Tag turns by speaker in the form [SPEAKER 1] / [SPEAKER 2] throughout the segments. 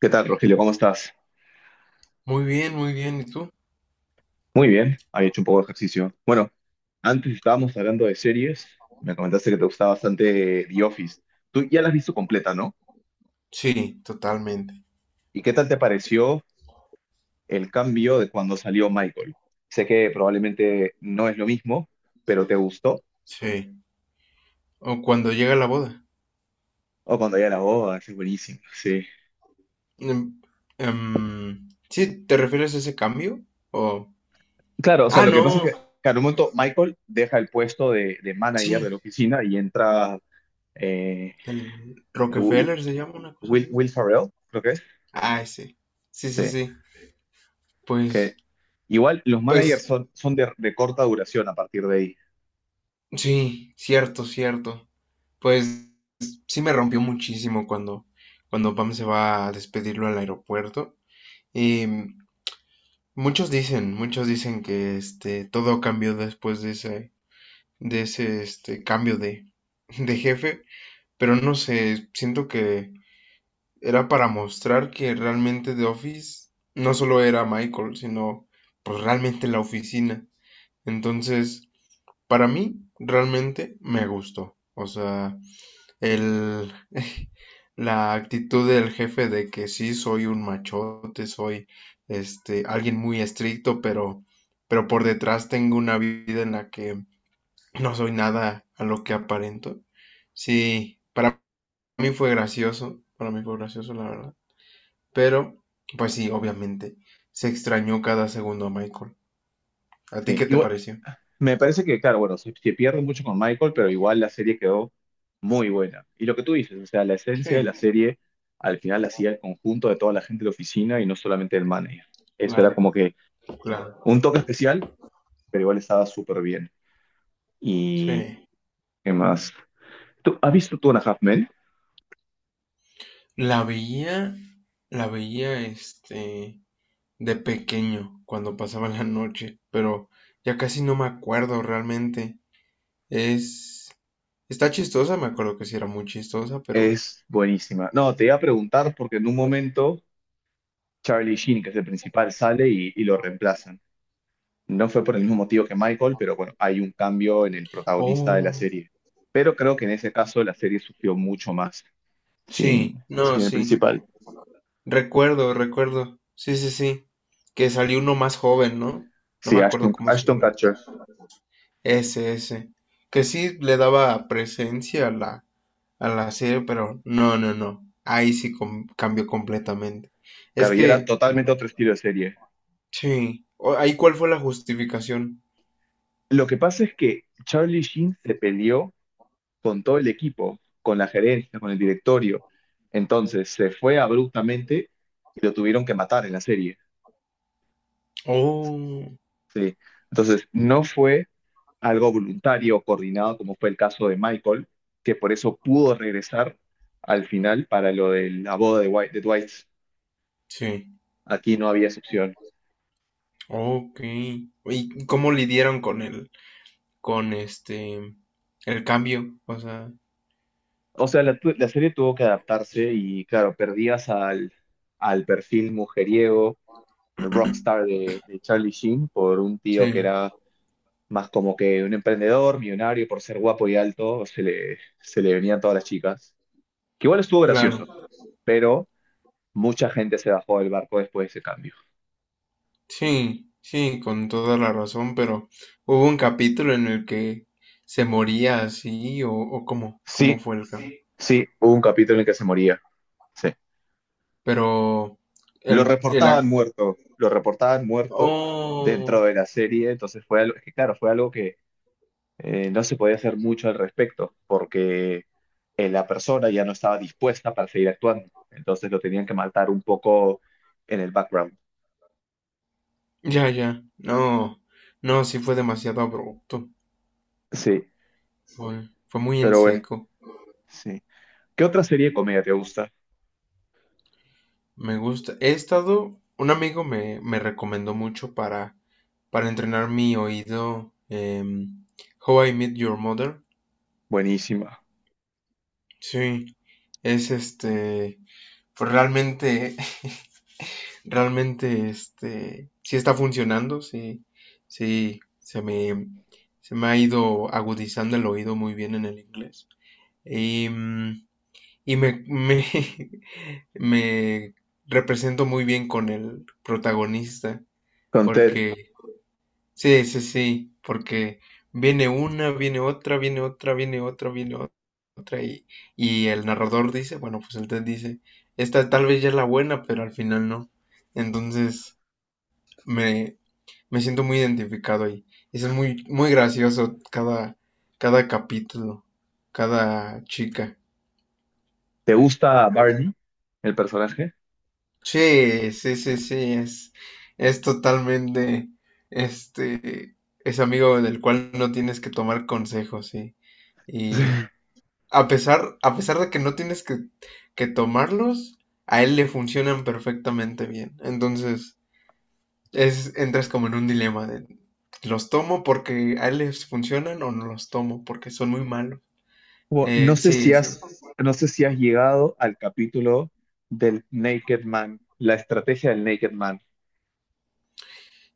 [SPEAKER 1] ¿Qué tal, Rogelio? ¿Cómo estás?
[SPEAKER 2] Muy bien, muy bien. ¿Y tú?
[SPEAKER 1] Muy bien, había hecho un poco de ejercicio. Bueno, antes estábamos hablando de series, me comentaste que te gustaba bastante The Office. Tú ya la has visto completa, ¿no?
[SPEAKER 2] Sí, totalmente.
[SPEAKER 1] ¿Y qué tal te pareció el cambio de cuando salió Michael? Sé que probablemente no es lo mismo, pero ¿te gustó?
[SPEAKER 2] Sí. O cuando llega la boda.
[SPEAKER 1] O cuando ya la boda, ese es buenísimo, sí.
[SPEAKER 2] Em, sí, ¿te refieres a ese cambio? O...
[SPEAKER 1] Claro, o sea,
[SPEAKER 2] Ah,
[SPEAKER 1] lo que
[SPEAKER 2] no.
[SPEAKER 1] pasa es que, claro, un momento Michael deja el puesto de manager de
[SPEAKER 2] Sí,
[SPEAKER 1] la oficina y entra eh,
[SPEAKER 2] el Rockefeller se llama una cosa
[SPEAKER 1] Will,
[SPEAKER 2] así.
[SPEAKER 1] Will Ferrell, creo que es.
[SPEAKER 2] Ah, ese. Sí, sí,
[SPEAKER 1] Sí.
[SPEAKER 2] sí. Pues,
[SPEAKER 1] Que igual los managers
[SPEAKER 2] pues,
[SPEAKER 1] son de corta duración a partir de ahí.
[SPEAKER 2] sí, cierto, cierto. Pues sí me rompió muchísimo cuando Pam se va a despedirlo al aeropuerto. Y muchos dicen que este todo cambió después de ese este, de jefe, pero no sé, siento que era para mostrar que realmente The Office no solo era Michael, sino pues realmente la oficina. Entonces, para mí, realmente me gustó. O sea, el, la actitud del jefe de que sí soy un machote, soy este alguien muy estricto, pero por detrás tengo una vida en la que no soy nada a lo que aparento. Sí, para mí fue gracioso, para mí fue gracioso, la verdad. Pero, pues sí, obviamente, se extrañó cada segundo a Michael. ¿A ti
[SPEAKER 1] Sí,
[SPEAKER 2] qué te
[SPEAKER 1] igual,
[SPEAKER 2] pareció?
[SPEAKER 1] me parece que, claro, bueno, se pierde mucho con Michael, pero igual la serie quedó muy buena. Y lo que tú dices, o sea, la
[SPEAKER 2] Sí,
[SPEAKER 1] esencia de la serie al final la hacía el conjunto de toda la gente de la oficina y no solamente el manager. Eso era
[SPEAKER 2] claro,
[SPEAKER 1] como que un
[SPEAKER 2] claro.
[SPEAKER 1] toque especial, pero igual estaba súper bien.
[SPEAKER 2] Sí.
[SPEAKER 1] ¿Y qué más? ¿Tú has visto Two and a Half Men?
[SPEAKER 2] La veía, la veía, este, de pequeño, cuando pasaba la noche, pero ya casi no me acuerdo realmente. Es, está chistosa, me acuerdo que sí era muy chistosa, pero...
[SPEAKER 1] Es buenísima. No, te iba a preguntar porque en un momento Charlie Sheen, que es el principal, sale y lo reemplazan. No fue por el mismo motivo que Michael, pero bueno, hay un cambio en el protagonista de la
[SPEAKER 2] Oh,
[SPEAKER 1] serie. Pero creo que en ese caso la serie sufrió mucho más sin,
[SPEAKER 2] sí, no,
[SPEAKER 1] sin el
[SPEAKER 2] sí.
[SPEAKER 1] principal.
[SPEAKER 2] Recuerdo, recuerdo. Sí, sí, sí. Que salió uno más joven, ¿no? No me
[SPEAKER 1] Sí,
[SPEAKER 2] acuerdo
[SPEAKER 1] Ashton,
[SPEAKER 2] cómo se
[SPEAKER 1] Ashton
[SPEAKER 2] llama.
[SPEAKER 1] Kutcher.
[SPEAKER 2] Ese, ese. Que sí le daba presencia a a la serie, pero no, no, no. Ahí sí cambió completamente.
[SPEAKER 1] Claro,
[SPEAKER 2] Es
[SPEAKER 1] y era
[SPEAKER 2] que,
[SPEAKER 1] totalmente otro estilo de serie.
[SPEAKER 2] sí. O- Ahí cuál fue la justificación.
[SPEAKER 1] Lo que pasa es que Charlie Sheen se peleó con todo el equipo, con la gerencia, con el directorio. Entonces se fue abruptamente y lo tuvieron que matar en la serie.
[SPEAKER 2] Oh,
[SPEAKER 1] Sí. Entonces no fue algo voluntario, coordinado, como fue el caso de Michael, que por eso pudo regresar al final para lo de la boda de, White, de Dwight.
[SPEAKER 2] sí.
[SPEAKER 1] Aquí no había excepción.
[SPEAKER 2] Ok. ¿Y cómo lidieron con con este, el cambio? O sea,
[SPEAKER 1] O sea, la serie tuvo que adaptarse y claro, perdías al perfil mujeriego, al rockstar de Charlie Sheen, por un tío que
[SPEAKER 2] sí,
[SPEAKER 1] era más como que un emprendedor, millonario, por ser guapo y alto, se le venían todas las chicas. Que igual estuvo gracioso,
[SPEAKER 2] claro.
[SPEAKER 1] pero mucha gente se bajó del barco después de ese cambio.
[SPEAKER 2] Sí, sí, con toda la razón, pero hubo un capítulo en el que se moría así, o cómo, cómo
[SPEAKER 1] Sí,
[SPEAKER 2] fue el caso.
[SPEAKER 1] sí, hubo un capítulo en el que se moría. Sí.
[SPEAKER 2] Pero el, el ac-
[SPEAKER 1] Lo reportaban muerto dentro
[SPEAKER 2] Oh,
[SPEAKER 1] de la serie, entonces fue algo, es que claro, fue algo que no se podía hacer mucho al respecto, porque la persona ya no estaba dispuesta para seguir actuando, entonces lo tenían que matar un poco en el background.
[SPEAKER 2] ya, ya, no, no, sí fue demasiado abrupto,
[SPEAKER 1] Sí,
[SPEAKER 2] fue muy en
[SPEAKER 1] pero bueno,
[SPEAKER 2] seco.
[SPEAKER 1] sí. ¿Qué otra serie de comedia te gusta?
[SPEAKER 2] Me gusta. Un amigo me recomendó mucho para entrenar mi oído, How I Met Your Mother.
[SPEAKER 1] Buenísima.
[SPEAKER 2] Sí, es este. Pero realmente, realmente, este, sí está funcionando, sí, sí, se me, se me ha ido agudizando el oído muy bien en el inglés. Y, y me, me, me represento muy bien con el protagonista,
[SPEAKER 1] Con Ted,
[SPEAKER 2] porque sí, sí, sí, porque viene una, viene otra, viene otra, viene otra, viene o- otra, y el narrador dice, bueno, pues el TED dice, esta tal vez ya es la buena, pero al final no. Entonces me, me siento muy identificado ahí. Es muy, muy gracioso cada capítulo, cada chica.
[SPEAKER 1] ¿te gusta Barney, el personaje?
[SPEAKER 2] Sí, sí, sí, sí, es totalmente, este, es amigo del cual no tienes que tomar consejos, sí. Y, a pesar de que no tienes que tomarlos, a él le funcionan perfectamente bien. Entonces, es, entras como en un dilema de los tomo porque a él les funcionan o no los tomo porque son muy malos.
[SPEAKER 1] Wo- no sé si
[SPEAKER 2] Sí, sí.
[SPEAKER 1] has, no sé si has llegado al capítulo del Naked Man, la estrategia del Naked Man.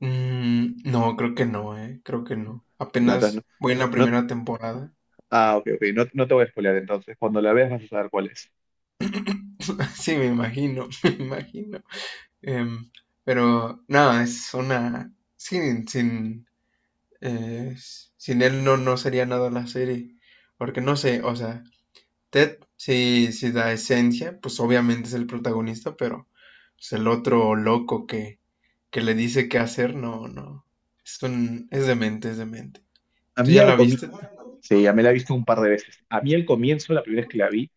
[SPEAKER 2] Mm, no, creo que no, eh. Creo que no.
[SPEAKER 1] No, entonces
[SPEAKER 2] Apenas voy en la
[SPEAKER 1] no, no-
[SPEAKER 2] primera temporada.
[SPEAKER 1] ah, ok, ok, no, no te voy a spoilear entonces. Cuando la veas vas a saber cuál es.
[SPEAKER 2] Sí, me imagino, me imagino. Em, pero nada, es una. Eh, sin él no, no sería nada la serie. Porque no sé, o sea, Ted sí, sí da esencia, pues obviamente es el protagonista, pero pues, el otro loco que le dice qué hacer, no, no. Es demente, es demente.
[SPEAKER 1] A
[SPEAKER 2] ¿Tú
[SPEAKER 1] mí
[SPEAKER 2] ya
[SPEAKER 1] al
[SPEAKER 2] la
[SPEAKER 1] comienzo,
[SPEAKER 2] viste?
[SPEAKER 1] sí, ya me la he visto un par de veces. A mí al comienzo, la primera vez que la vi,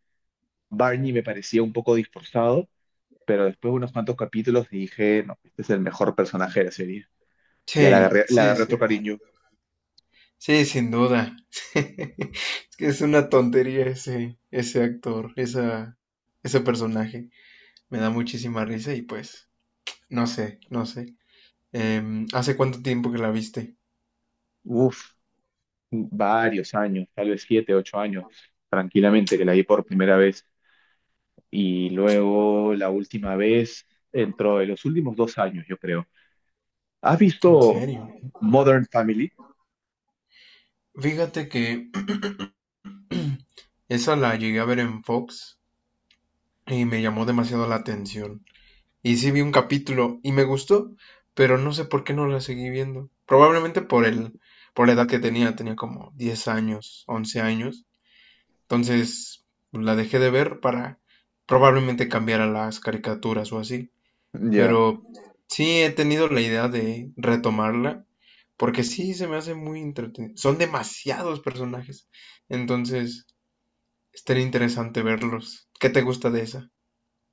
[SPEAKER 1] Barney me parecía un poco disforzado, pero después de unos cuantos capítulos dije, no, este es el mejor personaje de la serie. Ya
[SPEAKER 2] Sí,
[SPEAKER 1] le
[SPEAKER 2] sí,
[SPEAKER 1] agarré
[SPEAKER 2] sí.
[SPEAKER 1] otro cariño.
[SPEAKER 2] Sí, sin duda. Es que es una tontería ese actor, ese personaje. Me da muchísima risa y pues, no sé, no sé. Em, ¿hace cuánto tiempo que la viste?
[SPEAKER 1] Uf, varios años, tal vez 7, 8 años, tranquilamente, que la vi por primera vez. Y luego la última vez dentro de los últimos 2 años, yo creo. ¿Has
[SPEAKER 2] En
[SPEAKER 1] visto
[SPEAKER 2] serio.
[SPEAKER 1] Modern Family?
[SPEAKER 2] Fíjate que esa la llegué a ver en Fox y me llamó demasiado la atención. Y sí vi un capítulo y me gustó, pero no sé por qué no la seguí viendo. Probablemente por por la edad que tenía, tenía como 10 años, 11 años. Entonces la dejé de ver para probablemente cambiar a las caricaturas o así.
[SPEAKER 1] Ya.
[SPEAKER 2] Pero sí he tenido la idea de retomarla, porque sí se me hace muy entretenido. Son demasiados personajes, entonces estaría interesante verlos. ¿Qué te gusta de esa?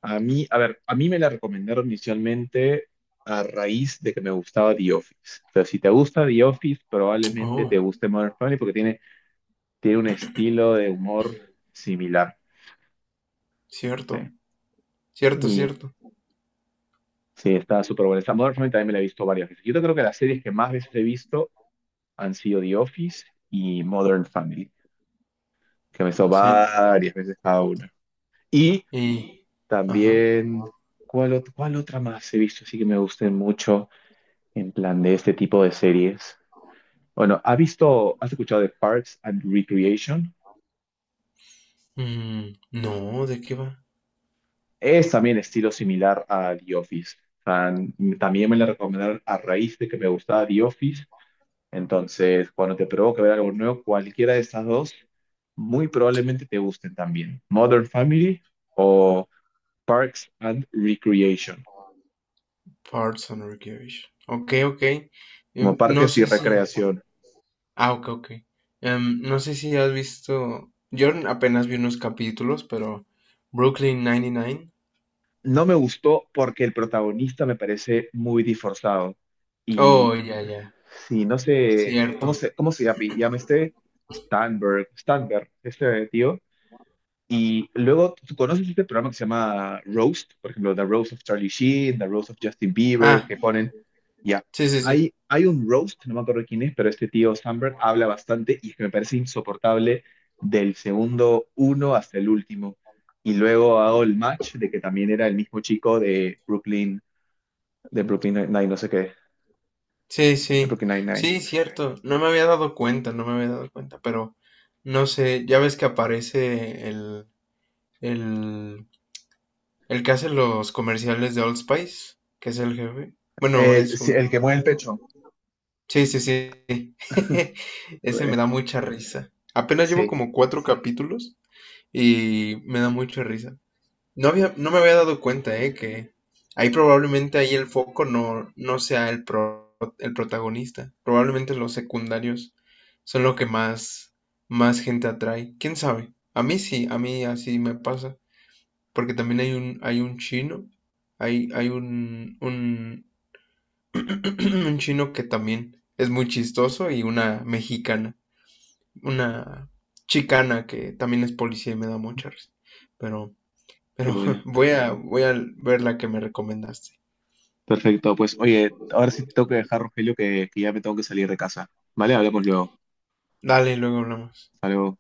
[SPEAKER 1] A mí, a ver, a mí me la recomendaron inicialmente a raíz de que me gustaba The Office. O sea, si te gusta The Office, probablemente te
[SPEAKER 2] Oh,
[SPEAKER 1] guste Modern Family porque tiene, tiene un estilo de humor similar. ¿Sí?
[SPEAKER 2] cierto, cierto,
[SPEAKER 1] Y
[SPEAKER 2] cierto.
[SPEAKER 1] sí, está súper buena. Esta Modern Family también me la he visto varias veces. Yo creo que las series que más veces he visto han sido The Office y Modern Family, que me hizo
[SPEAKER 2] Sí,
[SPEAKER 1] varias veces cada una. Y
[SPEAKER 2] y... Ajá.
[SPEAKER 1] también, ¿cuál, cuál otra más he visto? Así que me gusten mucho en plan de este tipo de series. Bueno, ¿has visto, has escuchado de Parks and Recreation?
[SPEAKER 2] Mm, no, ¿de qué va?
[SPEAKER 1] Es también estilo similar a The Office. O también me la recomendaron a raíz de que me gustaba The Office. Entonces, cuando te provoque ver algo nuevo, cualquiera de estas dos, muy probablemente te gusten también. Modern Family o Parks and Recreation.
[SPEAKER 2] Parts and Recreation. Ok, ok.
[SPEAKER 1] Como
[SPEAKER 2] Em, no
[SPEAKER 1] parques y
[SPEAKER 2] sé si...
[SPEAKER 1] recreación.
[SPEAKER 2] Ah, ok, ok. Em, no sé si has visto... Yo apenas vi unos capítulos, pero... Brooklyn 99.
[SPEAKER 1] No me gustó porque el protagonista me parece muy disforzado. Y
[SPEAKER 2] Oh, ya, ya,
[SPEAKER 1] si no sé, ¿cómo
[SPEAKER 2] cierto.
[SPEAKER 1] se, cómo se llama? Llama este Stanberg, este tío. Y luego, ¿tú conoces este programa que se llama Roast? Por ejemplo, The Roast of Charlie Sheen, The Roast of Justin Bieber,
[SPEAKER 2] Ah,
[SPEAKER 1] que ponen, ya,
[SPEAKER 2] sí, sí, sí,
[SPEAKER 1] hay un roast, no me acuerdo quién es, pero este tío Sandberg habla bastante y es que me parece insoportable del segundo uno hasta el último. Y luego hago el match de que también era el mismo chico de Brooklyn, no sé qué,
[SPEAKER 2] sí,
[SPEAKER 1] de
[SPEAKER 2] sí,
[SPEAKER 1] Brooklyn Nine-Nine.
[SPEAKER 2] sí, cierto. No me había dado cuenta, no me había dado cuenta, pero no sé, ya ves que aparece el, el que hace los comerciales de Old Spice, que es el jefe. Bueno,
[SPEAKER 1] El,
[SPEAKER 2] es
[SPEAKER 1] sí,
[SPEAKER 2] un...
[SPEAKER 1] el que mueve el pecho.
[SPEAKER 2] Sí, sí, sí. Ese me da mucha risa. Apenas llevo
[SPEAKER 1] Sí,
[SPEAKER 2] como 4 capítulos y me da mucha risa. No me había dado cuenta, que ahí el foco no sea el protagonista. Probablemente los secundarios son lo que más gente atrae. ¿Quién sabe? A mí sí, a mí así me pasa. Porque también hay un chino, hay un, un chino que también es muy chistoso y una mexicana, una chicana que también es policía y me da mucha risa. Pero
[SPEAKER 1] qué
[SPEAKER 2] pero
[SPEAKER 1] buena.
[SPEAKER 2] voy a ver la que me recomendaste.
[SPEAKER 1] Perfecto, pues oye, ahora sí te tengo que dejar, Rogelio, que ya me tengo que salir de casa. Vale, hablamos luego.
[SPEAKER 2] Dale, luego hablamos.
[SPEAKER 1] Hasta luego.